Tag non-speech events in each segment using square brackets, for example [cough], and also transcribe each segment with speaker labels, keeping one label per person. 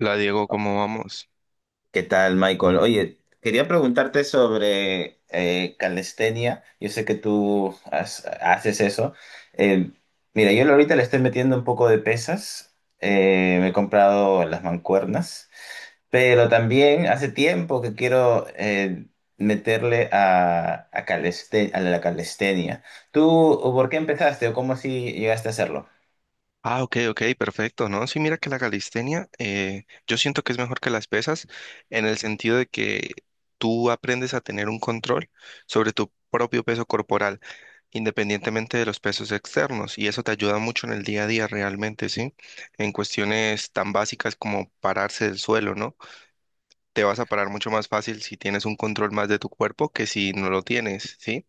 Speaker 1: La Diego, ¿cómo vamos?
Speaker 2: ¿Qué tal, Michael? Oye, quería preguntarte sobre calistenia. Yo sé que haces eso. Eh, mira, yo ahorita le estoy metiendo un poco de pesas. Me he comprado las mancuernas, pero también hace tiempo que quiero meterle a la calistenia. ¿Tú por qué empezaste o cómo así llegaste a hacerlo?
Speaker 1: Ah, ok, ok, perfecto, ¿no? Sí, mira que la calistenia, yo siento que es mejor que las pesas en el sentido de que tú aprendes a tener un control sobre tu propio peso corporal, independientemente de los pesos externos, y eso te ayuda mucho en el día a día realmente, ¿sí? En cuestiones tan básicas como pararse del suelo, ¿no? Te vas a parar mucho más fácil si tienes un control más de tu cuerpo que si no lo tienes, ¿sí?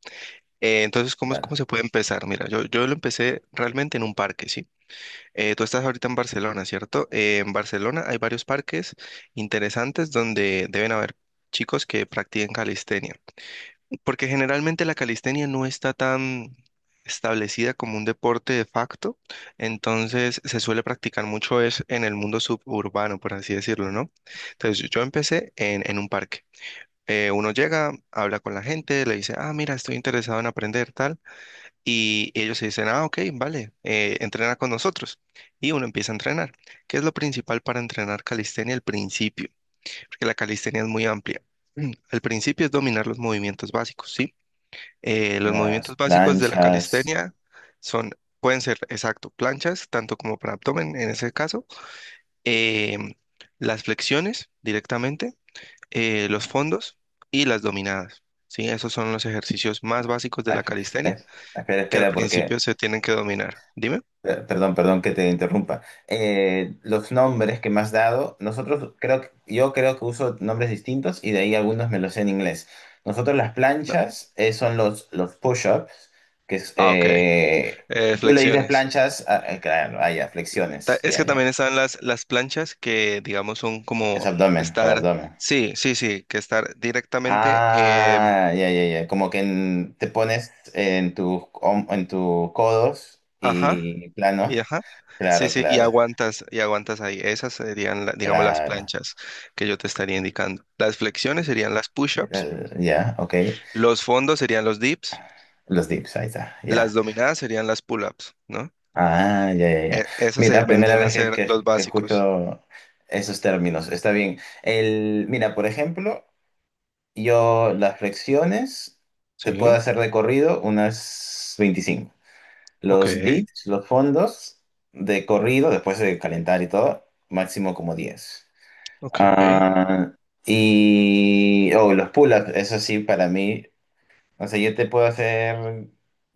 Speaker 1: Entonces, ¿cómo es
Speaker 2: La-
Speaker 1: cómo se puede empezar? Mira, yo lo empecé realmente en un parque, ¿sí? Tú estás ahorita en Barcelona, ¿cierto? En Barcelona hay varios parques interesantes donde deben haber chicos que practiquen calistenia, porque generalmente la calistenia no está tan establecida como un deporte de facto, entonces se suele practicar mucho es en el mundo suburbano, por así decirlo, ¿no? Entonces yo empecé en un parque. Uno llega, habla con la gente, le dice, ah, mira, estoy interesado en aprender tal. Y ellos se dicen, ah, ok, vale, entrena con nosotros. Y uno empieza a entrenar. ¿Qué es lo principal para entrenar calistenia al principio? Porque la calistenia es muy amplia. [clears throat] Al principio es dominar los movimientos básicos, ¿sí? Los
Speaker 2: las
Speaker 1: movimientos básicos de la
Speaker 2: planchas. [laughs]
Speaker 1: calistenia son, pueden ser, exacto, planchas, tanto como para abdomen en ese caso, em, las flexiones directamente, los fondos y las dominadas, ¿sí? Esos son los ejercicios más básicos de
Speaker 2: Ah,
Speaker 1: la
Speaker 2: esp- eh,
Speaker 1: calistenia
Speaker 2: Espera,
Speaker 1: que al
Speaker 2: espera, porque...
Speaker 1: principio se tienen que dominar. Dime.
Speaker 2: Perdón, que te interrumpa. Los nombres que me has dado, yo creo que uso nombres distintos y de ahí algunos me los sé en inglés. Nosotros las
Speaker 1: No.
Speaker 2: planchas son los push-ups, que es,
Speaker 1: Ah, ok.
Speaker 2: tú le dices
Speaker 1: Flexiones.
Speaker 2: planchas, claro, ah, ya, flexiones,
Speaker 1: Es
Speaker 2: ya,
Speaker 1: que
Speaker 2: ya.
Speaker 1: también están las planchas que, digamos, son
Speaker 2: Es
Speaker 1: como
Speaker 2: abdomen, para
Speaker 1: estar,
Speaker 2: abdomen.
Speaker 1: sí, sí, sí, que estar directamente,
Speaker 2: Ah, ya, ya, ya. Como que te pones en en tus codos
Speaker 1: ajá,
Speaker 2: y
Speaker 1: y
Speaker 2: plano.
Speaker 1: ajá, sí,
Speaker 2: Claro,
Speaker 1: sí,
Speaker 2: claro,
Speaker 1: y aguantas ahí. Esas serían, digamos, las
Speaker 2: claro.
Speaker 1: planchas que yo te estaría indicando. Las flexiones serían las push-ups,
Speaker 2: Ya, ok.
Speaker 1: los fondos serían los dips,
Speaker 2: Los dips, ahí está,
Speaker 1: las
Speaker 2: ya.
Speaker 1: dominadas serían las pull-ups, ¿no?
Speaker 2: Ah, ya, ya, ya.
Speaker 1: Esas se
Speaker 2: Mira, primera
Speaker 1: vendrían a
Speaker 2: vez
Speaker 1: ser los
Speaker 2: que
Speaker 1: básicos.
Speaker 2: escucho esos términos. Está bien. El, mira, por ejemplo, yo las flexiones
Speaker 1: Sí,
Speaker 2: te puedo hacer de corrido unas 25.
Speaker 1: ok.
Speaker 2: Los dips, los fondos de corrido, después de calentar y todo, máximo como 10.
Speaker 1: Ok,
Speaker 2: Ah, y oh, los pull-ups, eso sí, para mí. O sea, yo te puedo hacer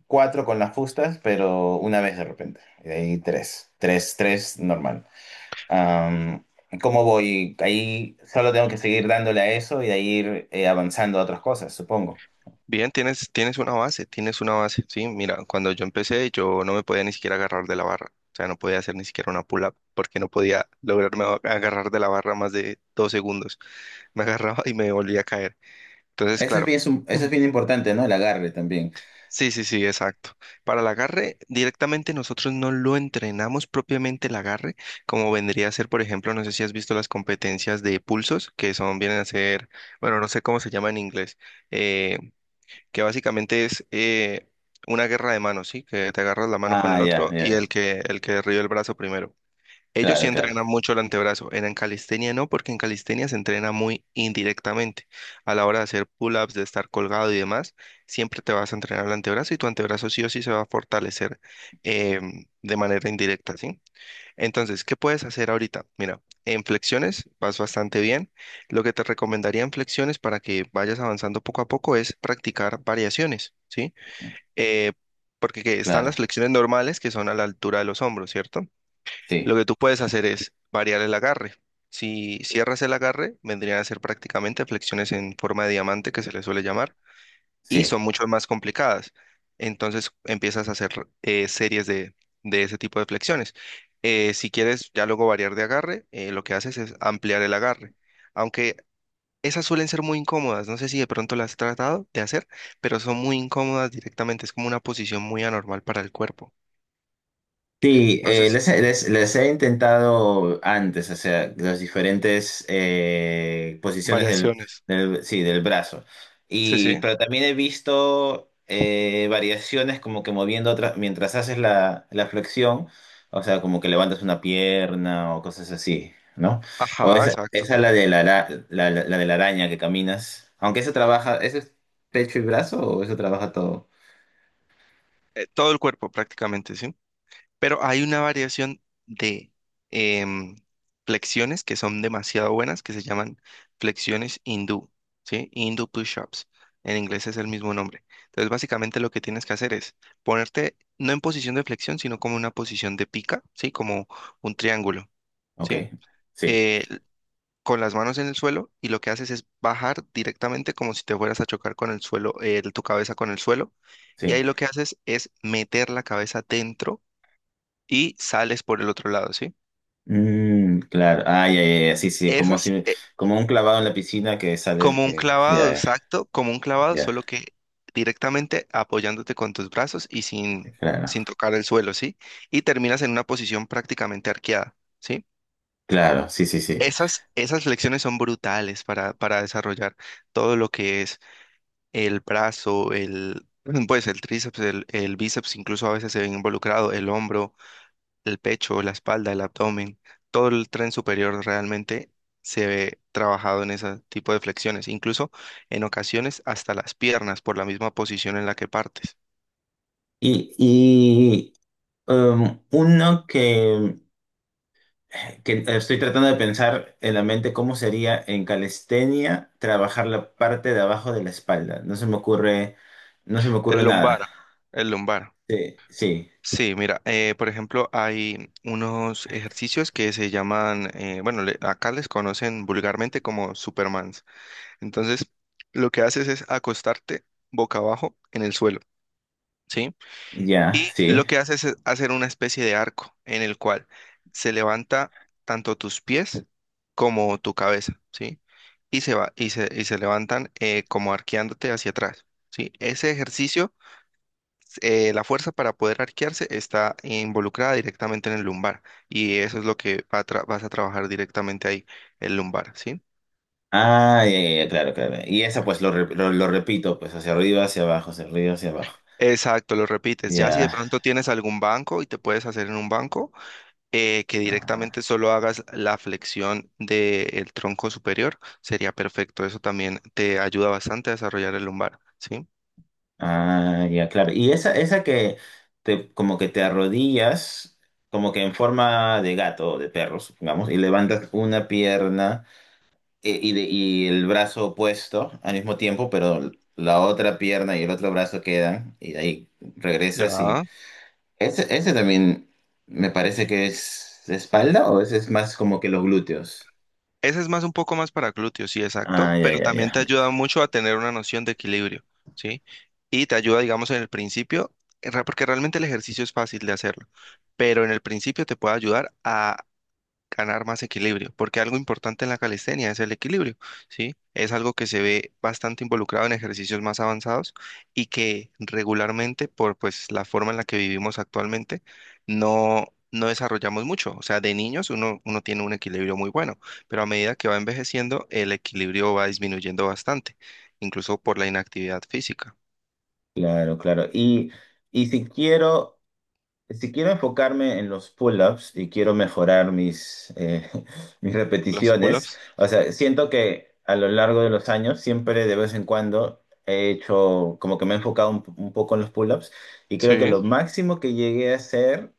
Speaker 2: cuatro con las fustas, pero una vez de repente. Y de ahí tres. Tres, tres, normal. Am, ¿Cómo voy? Ahí solo tengo que seguir dándole a eso y de ahí ir avanzando a otras cosas, supongo.
Speaker 1: bien, tienes una base, tienes una base, sí, mira, cuando yo empecé yo no me podía ni siquiera agarrar de la barra, o sea, no podía hacer ni siquiera una pull-up porque no podía lograrme agarrar de la barra más de dos segundos, me [laughs] agarraba y me volvía a caer, entonces,
Speaker 2: Eso es
Speaker 1: claro,
Speaker 2: bien,
Speaker 1: [clears throat]
Speaker 2: eso es
Speaker 1: Ujú.
Speaker 2: bien importante, ¿no? El agarre también.
Speaker 1: Sí, sí, sí, exacto, para el agarre directamente nosotros no lo entrenamos propiamente el agarre, como vendría a ser, por ejemplo, no sé si has visto las competencias de pulsos, que son, vienen a ser, bueno, no sé cómo se llama en inglés, eh, que básicamente es una guerra de manos, ¿sí? Que te agarras la mano con
Speaker 2: Ah,
Speaker 1: el
Speaker 2: ya,
Speaker 1: otro
Speaker 2: ya,
Speaker 1: y
Speaker 2: ya.
Speaker 1: el que derriba el brazo primero. Ellos sí
Speaker 2: Claro, claro,
Speaker 1: entrenan mucho el antebrazo, en calistenia no, porque en calistenia se entrena muy indirectamente. A la hora de hacer pull-ups, de estar colgado y demás, siempre te vas a entrenar el antebrazo y tu antebrazo sí o sí se va a fortalecer de manera indirecta, ¿sí? Entonces, ¿qué puedes hacer ahorita? Mira, en flexiones vas bastante bien. Lo que te recomendaría en flexiones para que vayas avanzando poco a poco es practicar variaciones, ¿sí? Eh, Porque que están las
Speaker 2: claro.
Speaker 1: flexiones normales que son a la altura de los hombros, ¿cierto?
Speaker 2: Sí,
Speaker 1: Lo que tú puedes hacer es variar el agarre. Si cierras el agarre, vendrían a ser prácticamente flexiones en forma de diamante que se le suele llamar y
Speaker 2: sí.
Speaker 1: son mucho más complicadas. Entonces empiezas a hacer series de ese tipo de flexiones. Si quieres ya luego variar de agarre, lo que haces es ampliar el agarre. Aunque esas suelen ser muy incómodas, no sé si de pronto las has tratado de hacer, pero son muy incómodas directamente, es como una posición muy anormal para el cuerpo.
Speaker 2: Sí,
Speaker 1: Entonces,
Speaker 2: les he intentado antes, o sea, las diferentes posiciones
Speaker 1: variaciones.
Speaker 2: sí, del brazo.
Speaker 1: Sí,
Speaker 2: Y,
Speaker 1: sí.
Speaker 2: pero también he visto variaciones como que moviendo otra, mientras haces la flexión, o sea, como que levantas una pierna o cosas así, ¿no? O
Speaker 1: Ajá,
Speaker 2: esa,
Speaker 1: exacto.
Speaker 2: esa la de la de la araña que caminas. Aunque eso trabaja, ¿eso es pecho y brazo o eso trabaja todo?
Speaker 1: Todo el cuerpo prácticamente, ¿sí? Pero hay una variación de em, flexiones que son demasiado buenas, que se llaman flexiones hindú, ¿sí? Hindu push-ups. En inglés es el mismo nombre. Entonces, básicamente lo que tienes que hacer es ponerte no en posición de flexión, sino como una posición de pica, ¿sí? Como un triángulo,
Speaker 2: Ok,
Speaker 1: ¿sí?
Speaker 2: sí,
Speaker 1: Eh, con las manos en el suelo y lo que haces es bajar directamente como si te fueras a chocar con el suelo, tu cabeza con el suelo. Y
Speaker 2: sí.
Speaker 1: ahí lo que haces es meter la cabeza dentro y sales por el otro lado, ¿sí?
Speaker 2: Mm, claro. Ah, ya, ya, ya, sí, sí. Como
Speaker 1: Esas,
Speaker 2: si,
Speaker 1: eh,
Speaker 2: como un clavado en la piscina que sale,
Speaker 1: Como un
Speaker 2: que,
Speaker 1: clavado,
Speaker 2: ya, ya,
Speaker 1: exacto, como un clavado,
Speaker 2: ya.
Speaker 1: solo que directamente apoyándote con tus brazos y sin,
Speaker 2: Claro.
Speaker 1: sin tocar el suelo, ¿sí? Y terminas en una posición prácticamente arqueada, ¿sí?
Speaker 2: Claro, sí, sí, sí.
Speaker 1: Esas, esas flexiones son brutales para desarrollar todo lo que es el brazo, el, [clears throat] pues el tríceps, el bíceps, incluso a veces se ve involucrado, el hombro, el pecho, la espalda, el abdomen, todo el tren superior realmente se ve trabajado en ese tipo de flexiones, incluso en ocasiones hasta las piernas por la misma posición en la que partes.
Speaker 2: Y, y uno que estoy tratando de pensar en la mente cómo sería en calistenia trabajar la parte de abajo de la espalda. No se me ocurre, no se me ocurre
Speaker 1: El lumbar,
Speaker 2: nada.
Speaker 1: el lumbar.
Speaker 2: Sí, sí.
Speaker 1: Sí, mira, por ejemplo, hay unos ejercicios que se llaman, bueno, acá les conocen vulgarmente como Supermans. Entonces, lo que haces es acostarte boca abajo en el suelo. ¿Sí?
Speaker 2: Ya,
Speaker 1: Y
Speaker 2: sí.
Speaker 1: lo que hace es hacer una especie de arco en el cual se levanta tanto tus pies como tu cabeza, ¿sí? Y se va, y se levantan como arqueándote hacia atrás, ¿sí? Ese ejercicio, la fuerza para poder arquearse está involucrada directamente en el lumbar y eso es lo que va a vas a trabajar directamente ahí, el lumbar, ¿sí?
Speaker 2: Ah, ya, ya, ya, claro, claro. Y esa pues lo repito, pues hacia arriba, hacia abajo, hacia arriba, hacia abajo.
Speaker 1: Exacto, lo repites. Ya si de
Speaker 2: Ya.
Speaker 1: pronto tienes algún banco y te puedes hacer en un banco, que
Speaker 2: Ah,
Speaker 1: directamente solo hagas la flexión del tronco superior, sería perfecto. Eso también te ayuda bastante a desarrollar el lumbar, ¿sí?
Speaker 2: ah, ya, claro. Y esa que como que te arrodillas, como que en forma de gato o de perro, supongamos, y levantas una pierna y el brazo opuesto al mismo tiempo, pero la otra pierna y el otro brazo quedan, y de ahí regresas y...
Speaker 1: Ya.
Speaker 2: Ese también me parece que es de espalda o ese es más como que los glúteos.
Speaker 1: Ese es más un poco más para glúteos, sí,
Speaker 2: Ah,
Speaker 1: exacto,
Speaker 2: ya,
Speaker 1: pero
Speaker 2: ya,
Speaker 1: también
Speaker 2: ya.
Speaker 1: te ayuda mucho a tener una noción de equilibrio, ¿sí? Y te ayuda, digamos, en el principio, porque realmente el ejercicio es fácil de hacerlo, pero en el principio te puede ayudar a ganar más equilibrio, porque algo importante en la calistenia es el equilibrio, ¿sí? Es algo que se ve bastante involucrado en ejercicios más avanzados y que regularmente, por pues la forma en la que vivimos actualmente, no, no desarrollamos mucho. O sea, de niños uno tiene un equilibrio muy bueno, pero a medida que va envejeciendo, el equilibrio va disminuyendo bastante, incluso por la inactividad física.
Speaker 2: Claro, claro. Y si quiero... Si quiero enfocarme en los pull-ups y quiero mejorar mis, [laughs] mis
Speaker 1: Los
Speaker 2: repeticiones,
Speaker 1: pull-ups.
Speaker 2: o sea, siento que a lo largo de los años, siempre de vez en cuando he hecho, como que me he enfocado un poco en los pull-ups y creo que
Speaker 1: Sí,
Speaker 2: lo máximo que llegué a hacer,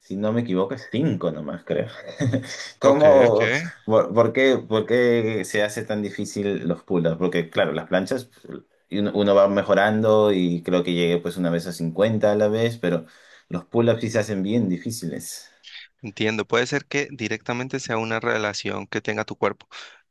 Speaker 2: si no me equivoco, es 5 nomás, creo. [laughs]
Speaker 1: ok, ok.
Speaker 2: ¿Cómo, por qué se hace tan difícil los pull-ups? Porque, claro, las planchas pues, y uno va mejorando y creo que llegué pues una vez a 50 a la vez, pero los pull-ups sí se hacen bien difíciles.
Speaker 1: Entiendo, puede ser que directamente sea una relación que tenga tu cuerpo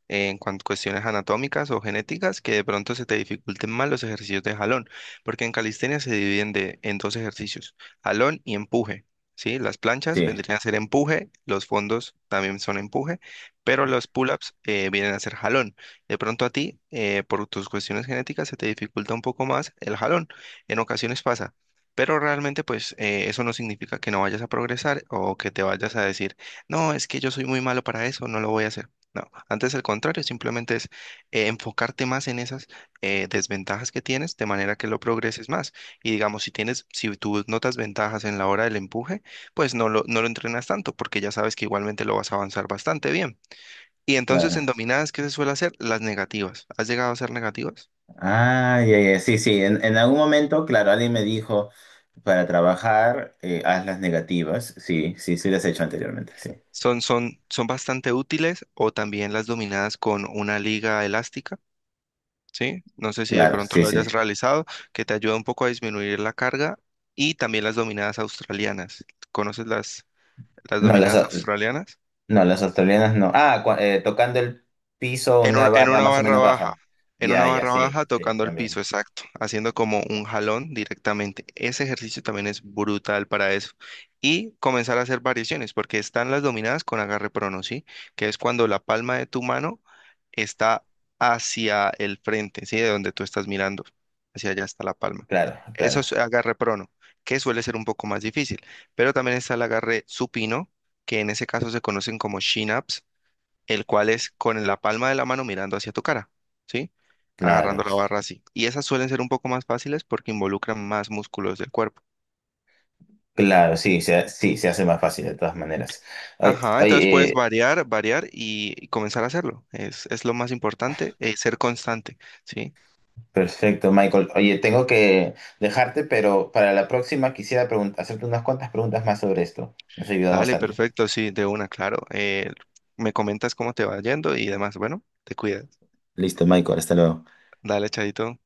Speaker 1: en cuanto a cuestiones anatómicas o genéticas que de pronto se te dificulten más los ejercicios de jalón, porque en calistenia se dividen en dos ejercicios, jalón y empuje, ¿sí? Las planchas
Speaker 2: Sí,
Speaker 1: vendrían a ser empuje, los fondos también son empuje, pero los pull-ups vienen a ser jalón. De pronto a ti, por tus cuestiones genéticas, se te dificulta un poco más el jalón. En ocasiones pasa. Pero realmente, pues, eso no significa que no vayas a progresar o que te vayas a decir, no, es que yo soy muy malo para eso, no lo voy a hacer. No, antes al contrario, simplemente es enfocarte más en esas desventajas que tienes de manera que lo progreses más. Y digamos, si tienes, si tú notas ventajas en la hora del empuje, pues no lo entrenas tanto porque ya sabes que igualmente lo vas a avanzar bastante bien. Y entonces
Speaker 2: claro.
Speaker 1: en dominadas, ¿qué se suele hacer? Las negativas. ¿Has llegado a ser negativas?
Speaker 2: Ah, ya, ya, sí, sí. En algún momento, claro, alguien me dijo, para trabajar, haz las negativas. Sí, sí, sí las he hecho anteriormente, sí.
Speaker 1: Son bastante útiles o también las dominadas con una liga elástica, ¿sí? No sé si de
Speaker 2: Claro,
Speaker 1: pronto
Speaker 2: sí,
Speaker 1: lo
Speaker 2: sí.
Speaker 1: hayas realizado, que te ayuda un poco a disminuir la carga y también las dominadas australianas. ¿Conoces las
Speaker 2: No, las,
Speaker 1: dominadas australianas?
Speaker 2: No, las australianas no. Ah, tocando el piso, una
Speaker 1: En
Speaker 2: barra
Speaker 1: una
Speaker 2: más o
Speaker 1: barra
Speaker 2: menos
Speaker 1: baja,
Speaker 2: baja.
Speaker 1: en una
Speaker 2: Ya, ya,
Speaker 1: barra
Speaker 2: sí,
Speaker 1: baja
Speaker 2: sí,
Speaker 1: tocando el piso,
Speaker 2: también.
Speaker 1: exacto, haciendo como un jalón directamente. Ese ejercicio también es brutal para eso. Y comenzar a hacer variaciones, porque están las dominadas con agarre prono, ¿sí? Que es cuando la palma de tu mano está hacia el frente, ¿sí? De donde tú estás mirando, hacia allá está la palma.
Speaker 2: Claro,
Speaker 1: Eso
Speaker 2: claro,
Speaker 1: es agarre prono, que suele ser un poco más difícil, pero también está el agarre supino, que en ese caso se conocen como chin-ups el cual es con la palma de la mano mirando hacia tu cara, ¿sí?
Speaker 2: claro.
Speaker 1: Agarrando la barra así. Y esas suelen ser un poco más fáciles porque involucran más músculos del cuerpo.
Speaker 2: Claro, sí, se hace más fácil de todas maneras. Oye,
Speaker 1: Ajá, entonces
Speaker 2: oye,
Speaker 1: puedes variar, variar y comenzar a hacerlo. Es lo más importante, ser constante, ¿sí?
Speaker 2: perfecto, Michael. Oye, tengo que dejarte, pero para la próxima quisiera hacerte unas cuantas preguntas más sobre esto. Me has ayudado
Speaker 1: Dale,
Speaker 2: bastante.
Speaker 1: perfecto, sí, de una, claro. Me comentas cómo te va yendo y demás. Bueno, te cuidas.
Speaker 2: Listo, Michael, hasta luego.
Speaker 1: Dale, chadito.